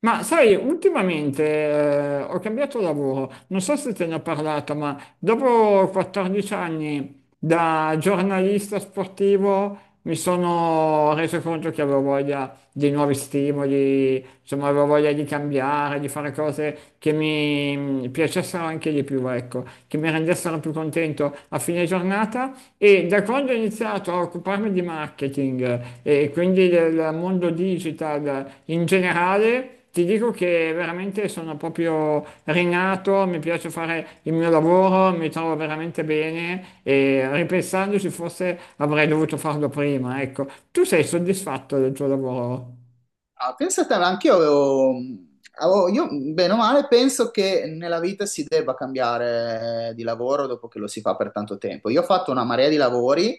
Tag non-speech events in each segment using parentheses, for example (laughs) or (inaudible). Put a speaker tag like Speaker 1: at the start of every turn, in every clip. Speaker 1: Ma sai, ultimamente ho cambiato lavoro, non so se te ne ho parlato, ma dopo 14 anni da giornalista sportivo mi sono reso conto che avevo voglia di nuovi stimoli, insomma avevo voglia di cambiare, di fare cose che mi piacessero anche di più, ecco, che mi rendessero più contento a fine giornata e da quando ho iniziato a occuparmi di marketing e quindi del mondo digital in generale, ti dico che veramente sono proprio rinato, mi piace fare il mio lavoro, mi trovo veramente bene e ripensandoci forse avrei dovuto farlo prima, ecco. Tu sei soddisfatto del tuo lavoro?
Speaker 2: Ah, pensate, anche io, bene o male, penso che nella vita si debba cambiare di lavoro dopo che lo si fa per tanto tempo. Io ho fatto una marea di lavori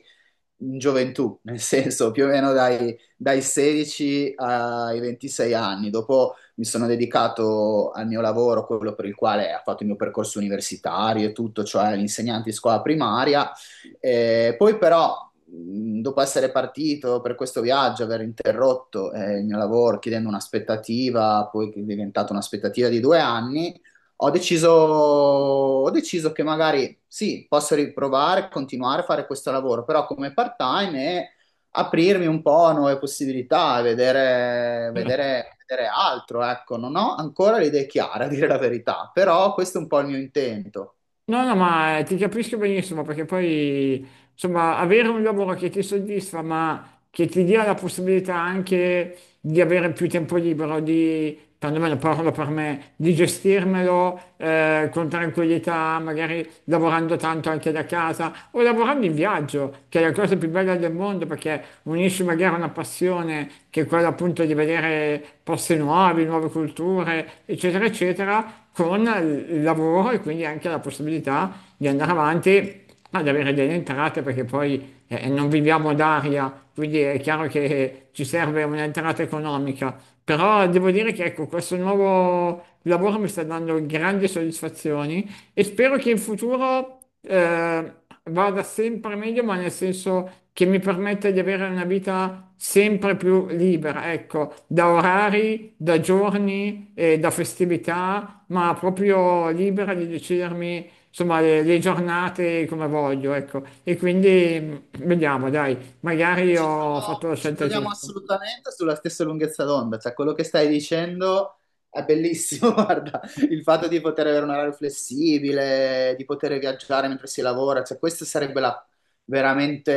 Speaker 2: in gioventù, nel senso più o meno dai, 16 ai 26 anni. Dopo mi sono dedicato al mio lavoro, quello per il quale ho fatto il mio percorso universitario e tutto, cioè l'insegnante di scuola primaria. Poi però, dopo essere partito per questo viaggio, aver interrotto il mio lavoro chiedendo un'aspettativa, poi che è diventata un'aspettativa di 2 anni, ho deciso che magari sì, posso riprovare, continuare a fare questo lavoro, però come part-time e aprirmi un po' a nuove possibilità,
Speaker 1: Certo.
Speaker 2: vedere altro. Ecco, non ho ancora le idee chiare, a dire la verità, però questo è un po' il mio intento.
Speaker 1: No, no, ma ti capisco benissimo perché poi, insomma, avere un lavoro che ti soddisfa, ma che ti dia la possibilità anche di avere più tempo libero, di, perlomeno parlo per me, di gestirmelo con tranquillità, magari lavorando tanto anche da casa o lavorando in viaggio, che è la cosa più bella del mondo perché unisci magari una passione che è quella appunto di vedere posti nuovi, nuove culture, eccetera, eccetera, con il lavoro e quindi anche la possibilità di andare avanti ad avere delle entrate perché poi e non viviamo d'aria, quindi è chiaro che ci serve un'entrata economica. Però devo dire che ecco, questo nuovo lavoro mi sta dando grandi soddisfazioni e spero che in futuro vada sempre meglio, ma nel senso che mi permetta di avere una vita sempre più libera, ecco, da orari, da giorni e da festività, ma proprio libera di decidermi, insomma, le giornate come voglio, ecco. E quindi vediamo, dai, magari
Speaker 2: Ci
Speaker 1: ho
Speaker 2: troviamo,
Speaker 1: fatto la
Speaker 2: ci
Speaker 1: scelta
Speaker 2: troviamo
Speaker 1: giusta.
Speaker 2: assolutamente sulla stessa lunghezza d'onda, cioè quello che stai dicendo è bellissimo, (laughs) guarda, il fatto di poter avere un orario flessibile, di poter viaggiare mentre si lavora, cioè questo veramente,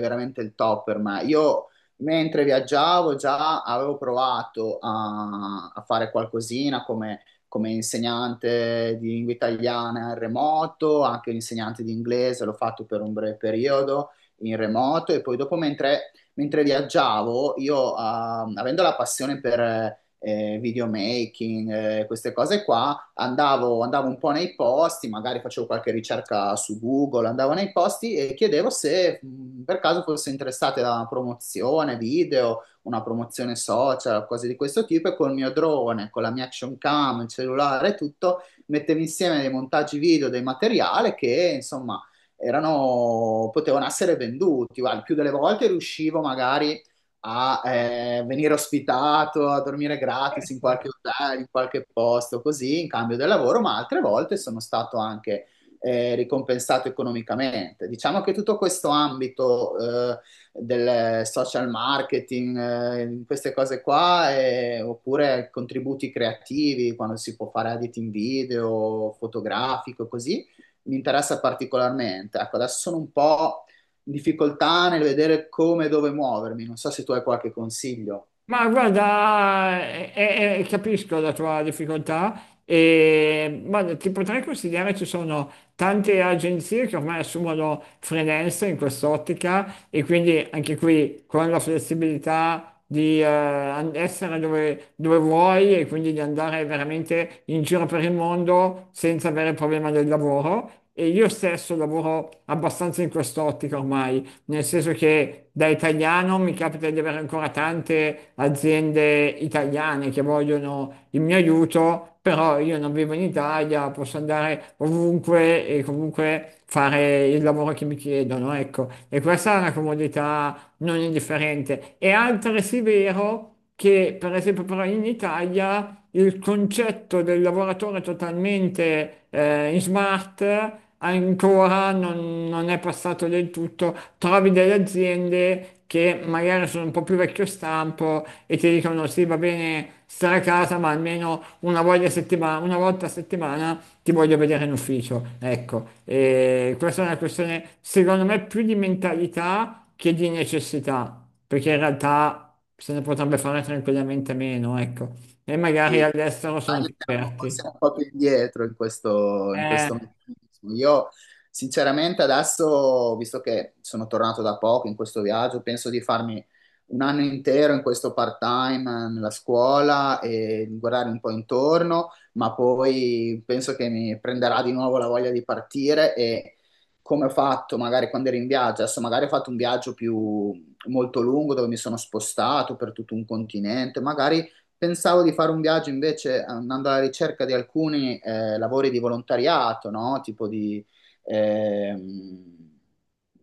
Speaker 2: veramente il top per me. Io mentre viaggiavo già avevo provato a fare qualcosina come insegnante di lingua italiana in remoto, anche un insegnante di inglese, l'ho fatto per un breve periodo in remoto e poi dopo mentre viaggiavo, io avendo la passione per videomaking, queste cose qua, andavo un po' nei posti, magari facevo qualche ricerca su Google, andavo nei posti e chiedevo se per caso fosse interessata a una promozione video, una promozione social, cose di questo tipo e col mio drone, con la mia action cam, il cellulare e tutto, mettevo insieme dei montaggi video, dei materiali che insomma erano, potevano essere venduti. Guarda, il più delle volte riuscivo magari a venire ospitato, a dormire gratis in qualche hotel, in qualche posto, così in cambio del lavoro, ma altre volte sono stato anche ricompensato economicamente. Diciamo che tutto questo ambito del social marketing, queste cose qua, oppure contributi creativi, quando si può fare editing video, fotografico, così mi interessa particolarmente. Ecco, adesso sono un po' in difficoltà nel vedere come e dove muovermi. Non so se tu hai qualche consiglio.
Speaker 1: Ma guarda, capisco la tua difficoltà e guarda, ti potrei consigliare, ci sono tante agenzie che ormai assumono freelance in quest'ottica e quindi anche qui con la flessibilità di essere dove, dove vuoi e quindi di andare veramente in giro per il mondo senza avere il problema del lavoro. E io stesso lavoro abbastanza in quest'ottica ormai, nel senso che da italiano mi capita di avere ancora tante aziende italiane che vogliono il mio aiuto, però io non vivo in Italia, posso andare ovunque e comunque fare il lavoro che mi chiedono, ecco. E questa è una comodità non indifferente. È altresì vero che, per esempio, però in Italia il concetto del lavoratore totalmente in smart ancora non è passato del tutto. Trovi delle aziende che magari sono un po' più vecchio stampo e ti dicono sì, va bene stare a casa, ma almeno una volta a settimana ti voglio vedere in ufficio. Ecco, e questa è una questione, secondo me, più di mentalità che di necessità, perché in realtà se ne potrebbe fare tranquillamente meno, ecco. E
Speaker 2: Sì,
Speaker 1: magari all'estero sono
Speaker 2: Italia
Speaker 1: più
Speaker 2: siamo,
Speaker 1: aperti.
Speaker 2: siamo un po' più indietro in
Speaker 1: Eh,
Speaker 2: questo meccanismo. Io sinceramente adesso, visto che sono tornato da poco in questo viaggio, penso di farmi 1 anno intero in questo part-time nella scuola e di guardare un po' intorno, ma poi penso che mi prenderà di nuovo la voglia di partire e come ho fatto magari quando ero in viaggio, adesso magari ho fatto un viaggio più molto lungo dove mi sono spostato per tutto un continente, magari pensavo di fare un viaggio invece andando alla ricerca di alcuni lavori di volontariato, no? Tipo ehm,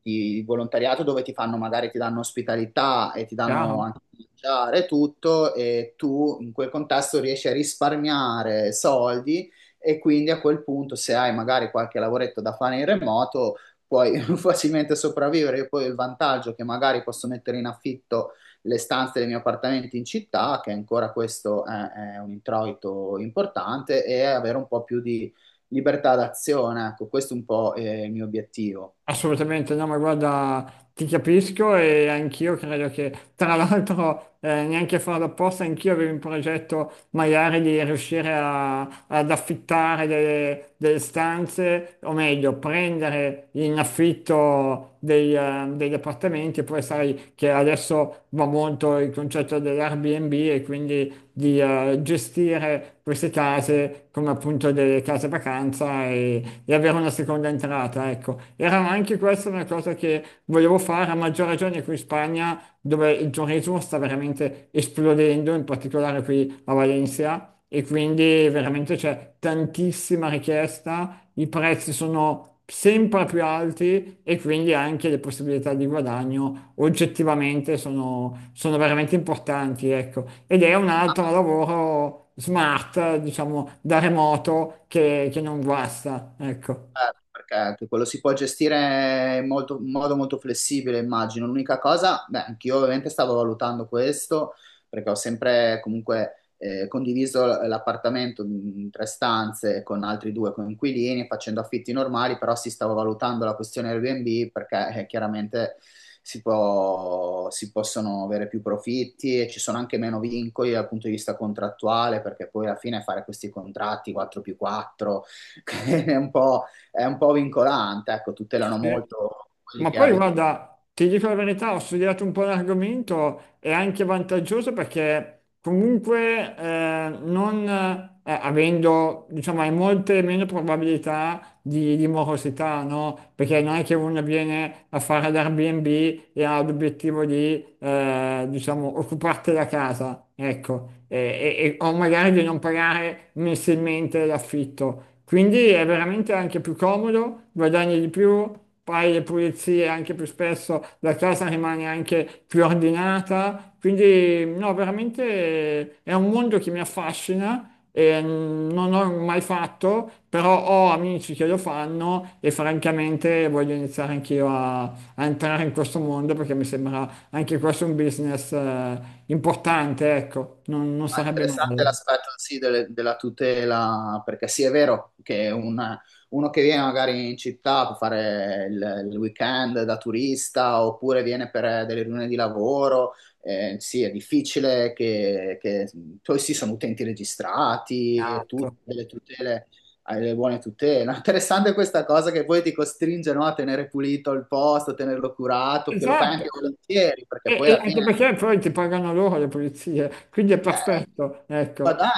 Speaker 2: di volontariato dove ti fanno, magari ti danno ospitalità e ti
Speaker 1: Chiaro.
Speaker 2: danno anche da mangiare e tutto e tu in quel contesto riesci a risparmiare soldi e quindi a quel punto se hai magari qualche lavoretto da fare in remoto puoi (laughs) facilmente sopravvivere. E poi il vantaggio che magari posso mettere in affitto le stanze dei miei appartamenti in città, che ancora è un introito importante, e avere un po' più di libertà d'azione. Ecco, questo è un po' il mio obiettivo.
Speaker 1: Assolutamente, no, ma guarda, ti capisco e anch'io credo che, tra l'altro, neanche a farlo apposta, anch'io avevo in progetto magari di ad affittare delle stanze, o meglio, prendere in affitto degli appartamenti, poi sai che adesso va molto il concetto dell'Airbnb e quindi di gestire queste case come appunto delle case vacanza e avere una seconda entrata, ecco. Era anche questa una cosa che volevo fare, a maggior ragione qui in Spagna, dove il turismo sta veramente esplodendo, in particolare qui a Valencia, e quindi veramente c'è tantissima richiesta, i prezzi sono sempre più alti e quindi anche le possibilità di guadagno oggettivamente sono veramente importanti, ecco. Ed è un altro lavoro smart, diciamo, da remoto che non guasta, ecco.
Speaker 2: Certo, perché anche quello si può gestire in modo molto flessibile, immagino. L'unica cosa, beh, anch'io ovviamente stavo valutando questo, perché ho sempre comunque condiviso l'appartamento in 3 stanze con altri 2 coinquilini, facendo affitti normali, però si stava valutando la questione Airbnb perché chiaramente si possono avere più profitti e ci sono anche meno vincoli dal punto di vista contrattuale, perché poi alla fine fare questi contratti 4 più 4 (laughs) è un po' è un po' vincolante, ecco, tutelano
Speaker 1: Sì.
Speaker 2: molto quelli
Speaker 1: Ma
Speaker 2: che
Speaker 1: poi
Speaker 2: abitano.
Speaker 1: guarda, ti dico la verità, ho studiato un po' l'argomento, è anche vantaggioso perché comunque non avendo, diciamo, hai molte meno probabilità di morosità, no? Perché non è che uno viene a fare l'Airbnb e ha l'obiettivo diciamo, occuparti la casa, ecco, o magari di non pagare mensilmente l'affitto. Quindi è veramente anche più comodo, guadagni di più, fai le pulizie anche più spesso, la casa rimane anche più ordinata. Quindi, no, veramente è un mondo che mi affascina non ho mai fatto, però ho amici che lo fanno e francamente voglio iniziare anch'io a entrare in questo mondo perché mi sembra anche questo un business importante, ecco, non
Speaker 2: Ah,
Speaker 1: sarebbe
Speaker 2: interessante
Speaker 1: male.
Speaker 2: l'aspetto sì, della tutela, perché sì, è vero che uno che viene magari in città per fare il weekend da turista oppure viene per delle riunioni di lavoro, sì, è difficile poi sì, sono utenti registrati e tutte
Speaker 1: Esatto.
Speaker 2: delle tutele, hai le buone tutele. (laughs) No, interessante questa cosa che poi ti costringe, no, a tenere pulito il posto, a tenerlo curato, che lo fai
Speaker 1: Esatto,
Speaker 2: anche volentieri, perché poi
Speaker 1: e
Speaker 2: alla
Speaker 1: anche
Speaker 2: fine.
Speaker 1: perché poi ti pagano loro le pulizie, quindi è perfetto,
Speaker 2: Ma
Speaker 1: ecco.
Speaker 2: dai,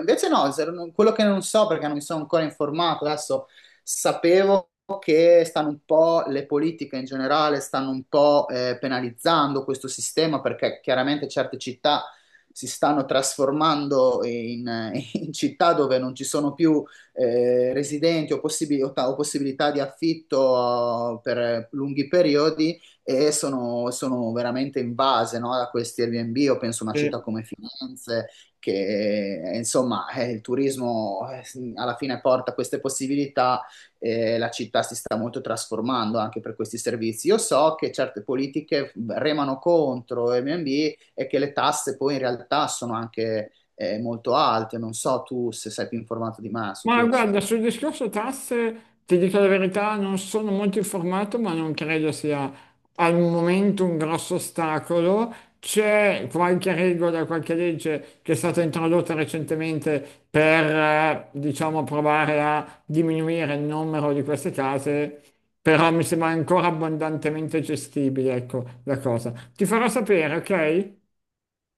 Speaker 2: invece no, quello che non so perché non mi sono ancora informato, adesso sapevo che stanno un po', le politiche in generale stanno un po' penalizzando questo sistema perché chiaramente certe città si stanno trasformando in, (laughs) in città dove non ci sono più residenti o possibilità di affitto per lunghi periodi e sono veramente invase, no, da questi Airbnb. Io penso a una città come Firenze, che insomma, il turismo alla fine porta queste possibilità e la città si sta molto trasformando anche per questi servizi. Io so che certe politiche remano contro Airbnb e che le tasse poi in realtà sono anche molto alte. Non so tu se sei più informato di me su
Speaker 1: Ma
Speaker 2: questo.
Speaker 1: guarda, sul discorso tasse, ti dico la verità, non sono molto informato, ma non credo sia al momento un grosso ostacolo. C'è qualche regola, qualche legge che è stata introdotta recentemente per, diciamo, provare a diminuire il numero di queste case, però mi sembra ancora abbondantemente gestibile, ecco, la cosa. Ti farò sapere, ok?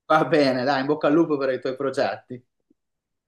Speaker 2: Va bene, dai, in bocca al lupo per i tuoi progetti.